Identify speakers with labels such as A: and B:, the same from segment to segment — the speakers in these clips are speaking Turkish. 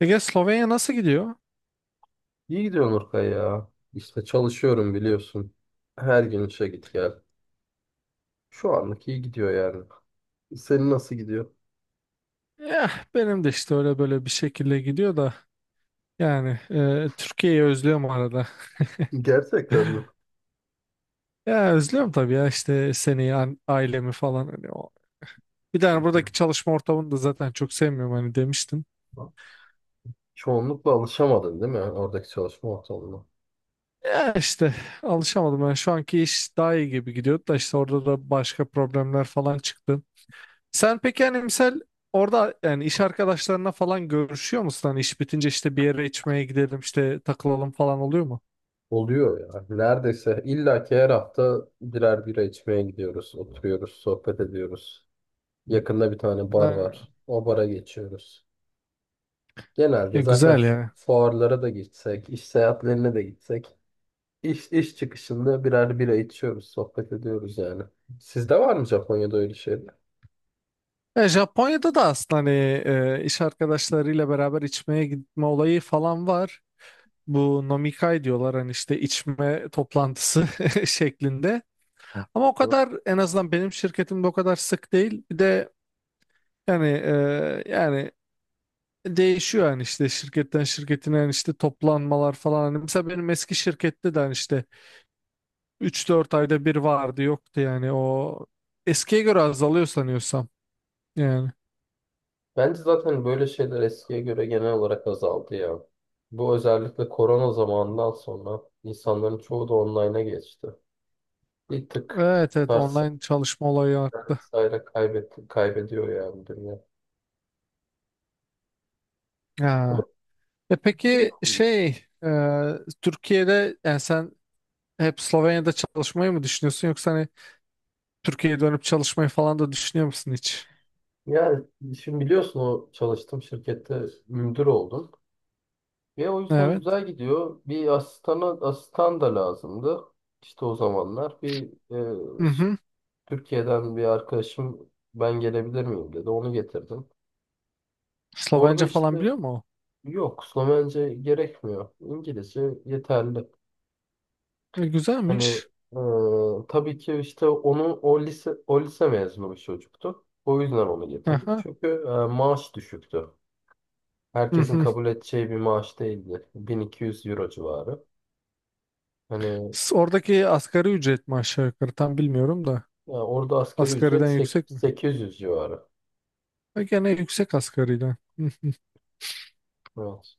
A: Ege Slovenya nasıl gidiyor?
B: İyi gidiyor Nurkay ya. İşte çalışıyorum biliyorsun. Her gün işe git gel. Şu anlık iyi gidiyor yani. Senin nasıl gidiyor?
A: Benim de işte öyle böyle bir şekilde gidiyor da yani Türkiye'yi özlüyorum arada.
B: Gerçekten mi?
A: Ya özlüyorum tabii ya işte seni, ailemi falan hani o. Bir
B: Hı
A: tane buradaki
B: hı.
A: çalışma ortamını da zaten çok sevmiyorum hani demiştim.
B: Çoğunlukla alışamadın değil mi oradaki çalışma ortamına?
A: Ya işte alışamadım ben şu anki iş daha iyi gibi gidiyordu da işte orada da başka problemler falan çıktı. Sen peki hani misal orada yani iş arkadaşlarına falan görüşüyor musun? Hani iş bitince işte bir yere içmeye gidelim işte takılalım falan oluyor mu?
B: Oluyor ya. Neredeyse illaki her hafta birer bira içmeye gidiyoruz. Oturuyoruz, sohbet ediyoruz. Yakında bir tane bar
A: Ne?
B: var. O bara geçiyoruz.
A: E,
B: Genelde zaten
A: güzel ya.
B: fuarlara da gitsek, iş seyahatlerine de gitsek İş çıkışında birer bira içiyoruz, sohbet ediyoruz yani. Sizde var mı Japonya'da öyle şeyler?
A: E, Japonya'da da aslında hani iş arkadaşlarıyla beraber içmeye gitme olayı falan var. Bu nomikai diyorlar hani işte içme toplantısı şeklinde. Ama o kadar en azından benim şirketimde o kadar sık değil. Bir de yani değişiyor yani işte şirketten şirketine yani işte toplanmalar falan. Hani mesela benim eski şirkette de hani işte üç dört ayda bir vardı yoktu yani o eskiye göre azalıyor sanıyorsam yani.
B: Bence zaten böyle şeyler eskiye göre genel olarak azaldı ya. Bu özellikle korona zamanından sonra insanların çoğu da online'a geçti. Bir tık
A: Evet, evet,
B: ters
A: online çalışma olayı arttı.
B: vesaire kaybetti, kaybediyor yani dünya. Ama
A: Ha. E peki
B: bilmiyorum.
A: şey e, Türkiye'de yani sen hep Slovenya'da çalışmayı mı düşünüyorsun yoksa hani Türkiye'ye dönüp çalışmayı falan da düşünüyor musun hiç?
B: Yani şimdi biliyorsun o çalıştığım şirkette müdür oldum. Ve o yüzden
A: Evet.
B: güzel gidiyor. Bir asistana, asistan da lazımdı. İşte o zamanlar bir e,
A: Hı
B: s-
A: hı.
B: Türkiye'den bir arkadaşım ben gelebilir miyim dedi. Onu getirdim. Orada
A: Slovence
B: işte
A: falan biliyor mu
B: yok, Slovence gerekmiyor. İngilizce yeterli.
A: o? E,
B: Hani
A: güzelmiş.
B: tabii ki işte onu o lise mezunu bir çocuktu. O yüzden onu getirdim.
A: Aha.
B: Çünkü maaş düşüktü.
A: Hı
B: Herkesin
A: hı.
B: kabul edeceği bir maaş değildi. 1.200 euro civarı. Hani
A: Oradaki asgari ücret mi aşağı yukarı tam bilmiyorum da.
B: yani orada asgari ücret
A: Asgariden yüksek mi?
B: 800 civarı.
A: E, gene yüksek asgariden. Hı hı.
B: Evet.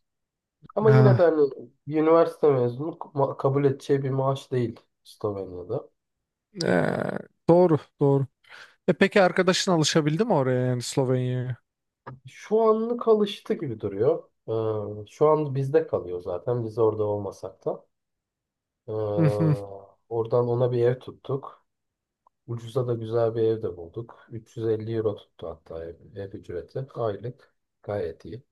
B: Ama yine de
A: Ha.
B: hani bir üniversite mezunu kabul edeceği bir maaş değil Slovenya'da.
A: E, doğru doğru. E peki arkadaşın alışabildi mi oraya yani Slovenya'ya?
B: Şu anlık alıştı gibi duruyor. Şu an bizde kalıyor zaten. Biz orada olmasak da.
A: Hı hı.
B: Ee, Oradan ona bir ev tuttuk. Ucuza da güzel bir ev de bulduk. 350 euro tuttu hatta ev ücreti. Aylık. Gayet iyi.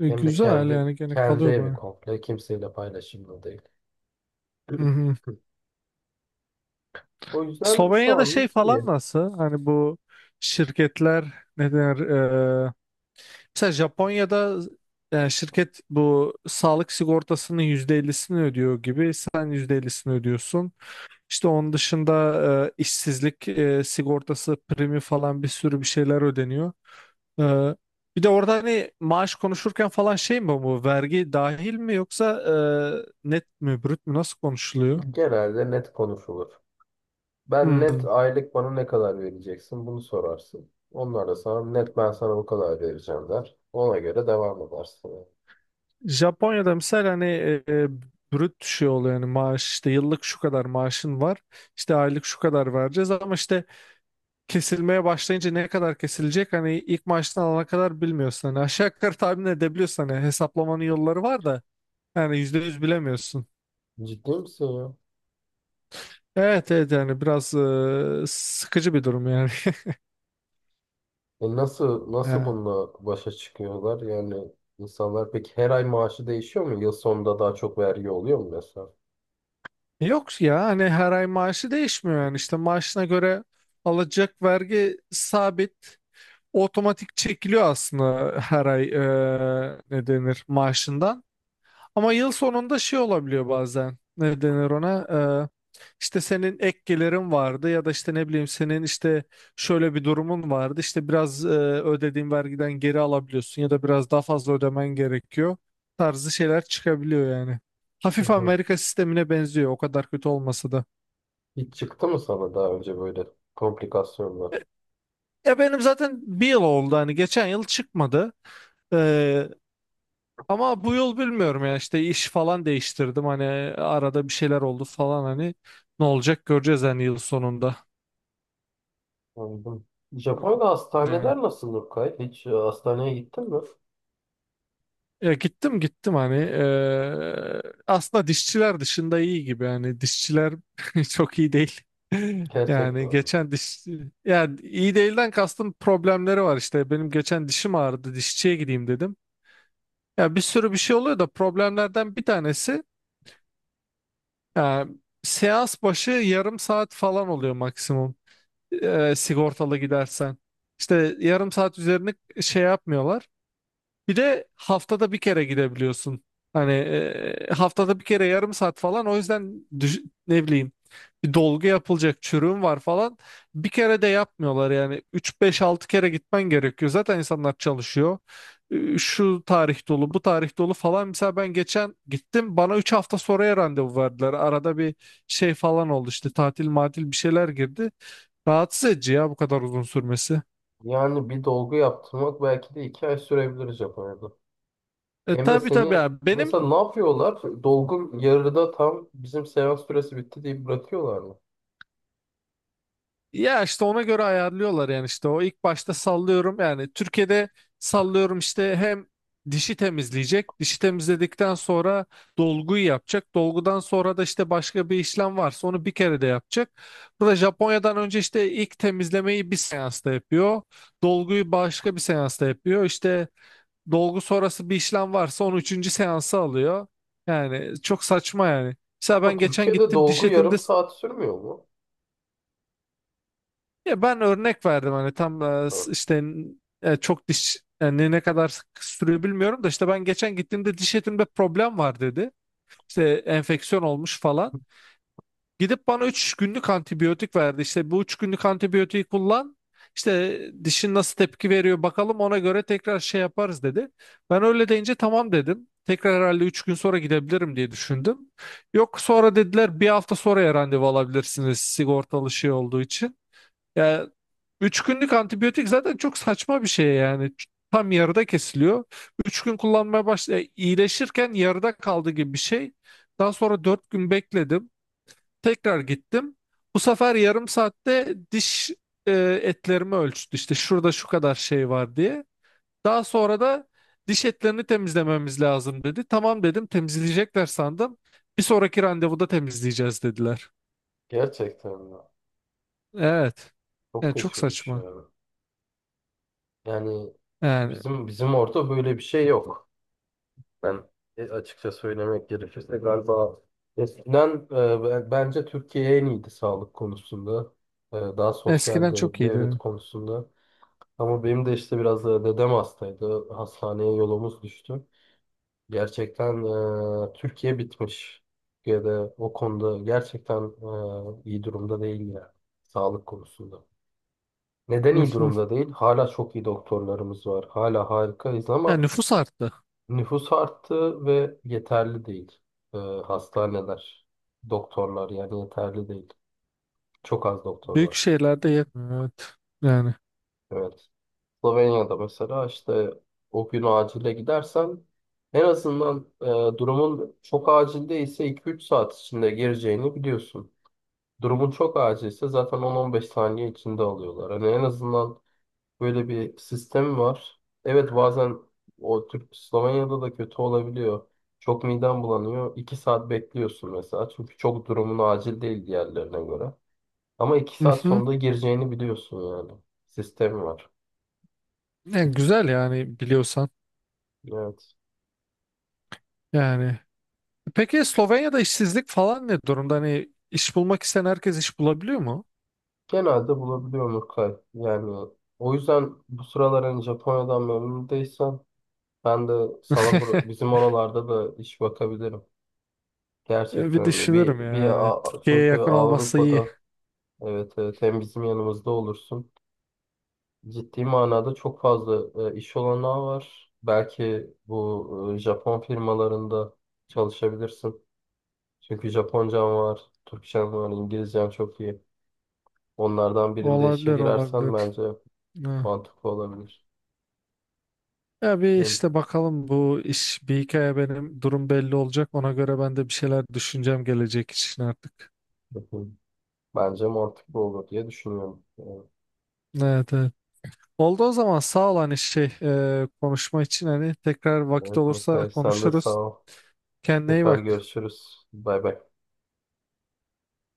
A: E,
B: Hem de
A: güzel
B: kendi
A: yani gene
B: kendi
A: kalıyor
B: evi
A: baya.
B: komple. Kimseyle paylaşımlı değil.
A: Hı hı.
B: O yüzden şu
A: Slovenya'da şey
B: anlık
A: falan
B: iyi.
A: nasıl? Hani bu şirketler ne denir? E, mesela Japonya'da yani şirket bu sağlık sigortasının %50'sini ödüyor gibi sen %50'sini ödüyorsun. İşte onun dışında işsizlik sigortası primi falan bir sürü bir şeyler ödeniyor. E, bir de orada hani maaş konuşurken falan şey mi bu vergi dahil mi yoksa net mi brüt mü nasıl konuşuluyor?
B: Genelde net konuşulur. Ben net
A: Hmm.
B: aylık bana ne kadar vereceksin bunu sorarsın. Onlar da sana net ben sana bu kadar vereceğim der. Ona göre devam edersin yani.
A: Japonya'da mesela hani brüt şey oluyor yani maaş işte yıllık şu kadar maaşın var işte aylık şu kadar vereceğiz ama işte kesilmeye başlayınca ne kadar kesilecek hani ilk maaştan alana kadar bilmiyorsun hani aşağı yukarı tahmin edebiliyorsun hani hesaplamanın yolları var da yani yüzde yüz bilemiyorsun.
B: Ciddi misin ya?
A: Evet, evet, yani biraz sıkıcı bir durum yani.
B: E nasıl
A: Ha.
B: bununla başa çıkıyorlar? Yani insanlar peki her ay maaşı değişiyor mu? Yıl sonunda daha çok vergi oluyor mu mesela?
A: Yok ya hani her ay maaşı değişmiyor yani işte maaşına göre alacak vergi sabit otomatik çekiliyor aslında her ay ne denir maaşından. Ama yıl sonunda şey olabiliyor bazen ne denir ona işte senin ek gelirin vardı ya da işte ne bileyim senin işte şöyle bir durumun vardı işte biraz ödediğin vergiden geri alabiliyorsun ya da biraz daha fazla ödemen gerekiyor tarzı şeyler çıkabiliyor yani. Hafif
B: Aha.
A: Amerika sistemine benziyor o kadar kötü olmasa da.
B: Hiç çıktı mı sana daha önce böyle komplikasyonlar?
A: Ya benim zaten bir yıl oldu hani geçen yıl çıkmadı. Ama bu yıl bilmiyorum ya işte iş falan değiştirdim hani arada bir şeyler oldu falan hani ne olacak göreceğiz hani yıl sonunda.
B: Anladım.
A: Hı.
B: Japonya'da
A: Ne?
B: hastaneler nasıl Nurkay? Hiç hastaneye gittin mi?
A: Ya gittim, gittim, hani aslında dişçiler dışında iyi gibi hani dişçiler çok iyi değil.
B: Gerçekten
A: Yani
B: öyle.
A: geçen diş yani iyi değilden kastım problemleri var işte benim geçen dişim ağrıdı dişçiye gideyim dedim. Ya bir sürü bir şey oluyor da problemlerden bir tanesi ya, seans başı yarım saat falan oluyor maksimum. E, sigortalı gidersen. İşte yarım saat üzerine şey yapmıyorlar. Bir de haftada bir kere gidebiliyorsun. Hani haftada bir kere yarım saat falan. O yüzden ne bileyim bir dolgu yapılacak çürüğün var falan. Bir kere de yapmıyorlar yani. Üç beş altı kere gitmen gerekiyor. Zaten insanlar çalışıyor. E, şu tarih dolu, bu tarih dolu falan. Mesela ben geçen gittim. Bana 3 hafta sonraya randevu verdiler. Arada bir şey falan oldu işte tatil matil bir şeyler girdi. Rahatsız edici ya bu kadar uzun sürmesi.
B: Yani bir dolgu yaptırmak belki de 2 ay sürebilir Japonya'da.
A: E
B: Hem de
A: tabii, tabii,
B: seni
A: yani benim
B: mesela ne yapıyorlar? Dolgun yarıda tam bizim seans süresi bitti deyip bırakıyorlar mı?
A: ya işte ona göre ayarlıyorlar yani işte o ilk başta sallıyorum yani Türkiye'de sallıyorum işte hem dişi temizleyecek dişi temizledikten sonra dolguyu yapacak dolgudan sonra da işte başka bir işlem varsa onu bir kere de yapacak. Burada Japonya'dan önce işte ilk temizlemeyi bir seansta yapıyor dolguyu başka bir seansta yapıyor işte dolgu sonrası bir işlem varsa onu üçüncü seansa alıyor. Yani çok saçma yani. Mesela ben
B: Ama
A: geçen
B: Türkiye'de
A: gittim diş
B: dolgu yarım
A: etimde
B: saat sürmüyor mu?
A: ya ben örnek verdim hani tam
B: Ha,
A: işte çok diş yani ne kadar sık sürüyor bilmiyorum da işte ben geçen gittiğimde diş etimde problem var dedi. İşte enfeksiyon olmuş falan. Gidip bana 3 günlük antibiyotik verdi. İşte bu 3 günlük antibiyotiği kullan. İşte dişin nasıl tepki veriyor bakalım ona göre tekrar şey yaparız dedi. Ben öyle deyince tamam dedim. Tekrar herhalde 3 gün sonra gidebilirim diye düşündüm. Yok sonra dediler bir hafta sonraya randevu alabilirsiniz sigortalı şey olduğu için. Yani 3 günlük antibiyotik zaten çok saçma bir şey yani. Tam yarıda kesiliyor. 3 gün kullanmaya başla iyileşirken yarıda kaldı gibi bir şey. Daha sonra 4 gün bekledim. Tekrar gittim. Bu sefer yarım saatte diş e, etlerimi ölçtü. İşte şurada şu kadar şey var diye. Daha sonra da diş etlerini temizlememiz lazım dedi. Tamam dedim temizleyecekler sandım. Bir sonraki randevuda temizleyeceğiz dediler.
B: gerçekten ya.
A: Evet.
B: Çok
A: Yani çok
B: kötüymüş
A: saçma.
B: yani. Yani
A: Yani
B: bizim orada böyle bir şey yok. Ben açıkça söylemek gerekirse galiba eskiden bence Türkiye en iyiydi sağlık konusunda. E, daha sosyal
A: eskiden çok
B: devlet
A: iyiydi.
B: konusunda. Ama benim de işte biraz da dedem hastaydı. Hastaneye yolumuz düştü. Gerçekten Türkiye bitmiş. Türkiye'de o konuda gerçekten iyi durumda değil ya. Sağlık konusunda. Neden
A: Hı
B: iyi
A: hı.
B: durumda değil? Hala çok iyi doktorlarımız var. Hala harikayız
A: Yani
B: ama
A: nüfus arttı.
B: nüfus arttı ve yeterli değil. E, hastaneler, doktorlar yani yeterli değil. Çok az doktor
A: Büyük
B: var.
A: şehirlerde yetmiyor. Evet. Yani.
B: Evet. Slovenya'da mesela işte o gün acile gidersen en azından durumun çok acil değilse 2-3 saat içinde gireceğini biliyorsun. Durumun çok acilse zaten 10-15 saniye içinde alıyorlar. Hani en azından böyle bir sistem var. Evet bazen o Türk Slovenya'da da kötü olabiliyor. Çok miden bulanıyor. 2 saat bekliyorsun mesela. Çünkü çok durumun acil değil diğerlerine göre. Ama iki
A: Hı
B: saat
A: hı.
B: sonunda gireceğini biliyorsun yani. Sistem var.
A: Yani güzel yani biliyorsan.
B: Evet.
A: Yani. Peki Slovenya'da işsizlik falan ne durumda? Hani iş bulmak isteyen herkes iş bulabiliyor mu?
B: Genelde bulabiliyorum Urkay. Yani o yüzden bu sıralar hani Japonya'dan memnun değilsen ben de sana bizim oralarda da iş bakabilirim. Gerçekten
A: Bir
B: hani
A: düşünürüm
B: bir
A: yani. Türkiye'ye
B: Çünkü
A: yakın olması iyi.
B: Avrupa'da evet evet hem bizim yanımızda olursun. Ciddi manada çok fazla iş olanağı var. Belki bu Japon firmalarında çalışabilirsin. Çünkü Japoncam var, Türkçem var, İngilizcem çok iyi. Onlardan birinde işe
A: Olabilir,
B: girersen
A: olabilir.
B: bence
A: Ha.
B: mantıklı olabilir.
A: Ya bir
B: Hı,
A: işte bakalım bu iş bir hikaye benim durum belli olacak. Ona göre ben de bir şeyler düşüneceğim gelecek için artık.
B: hı, hı. Bence mantıklı olur diye düşünüyorum. Evet,
A: Evet, evet. Oldu o zaman sağ ol hani şey konuşma için hani tekrar vakit
B: evet
A: olursa
B: Mukay, sen de sağ
A: konuşuruz.
B: ol.
A: Kendine iyi
B: Tekrar
A: bak.
B: görüşürüz. Bay bay.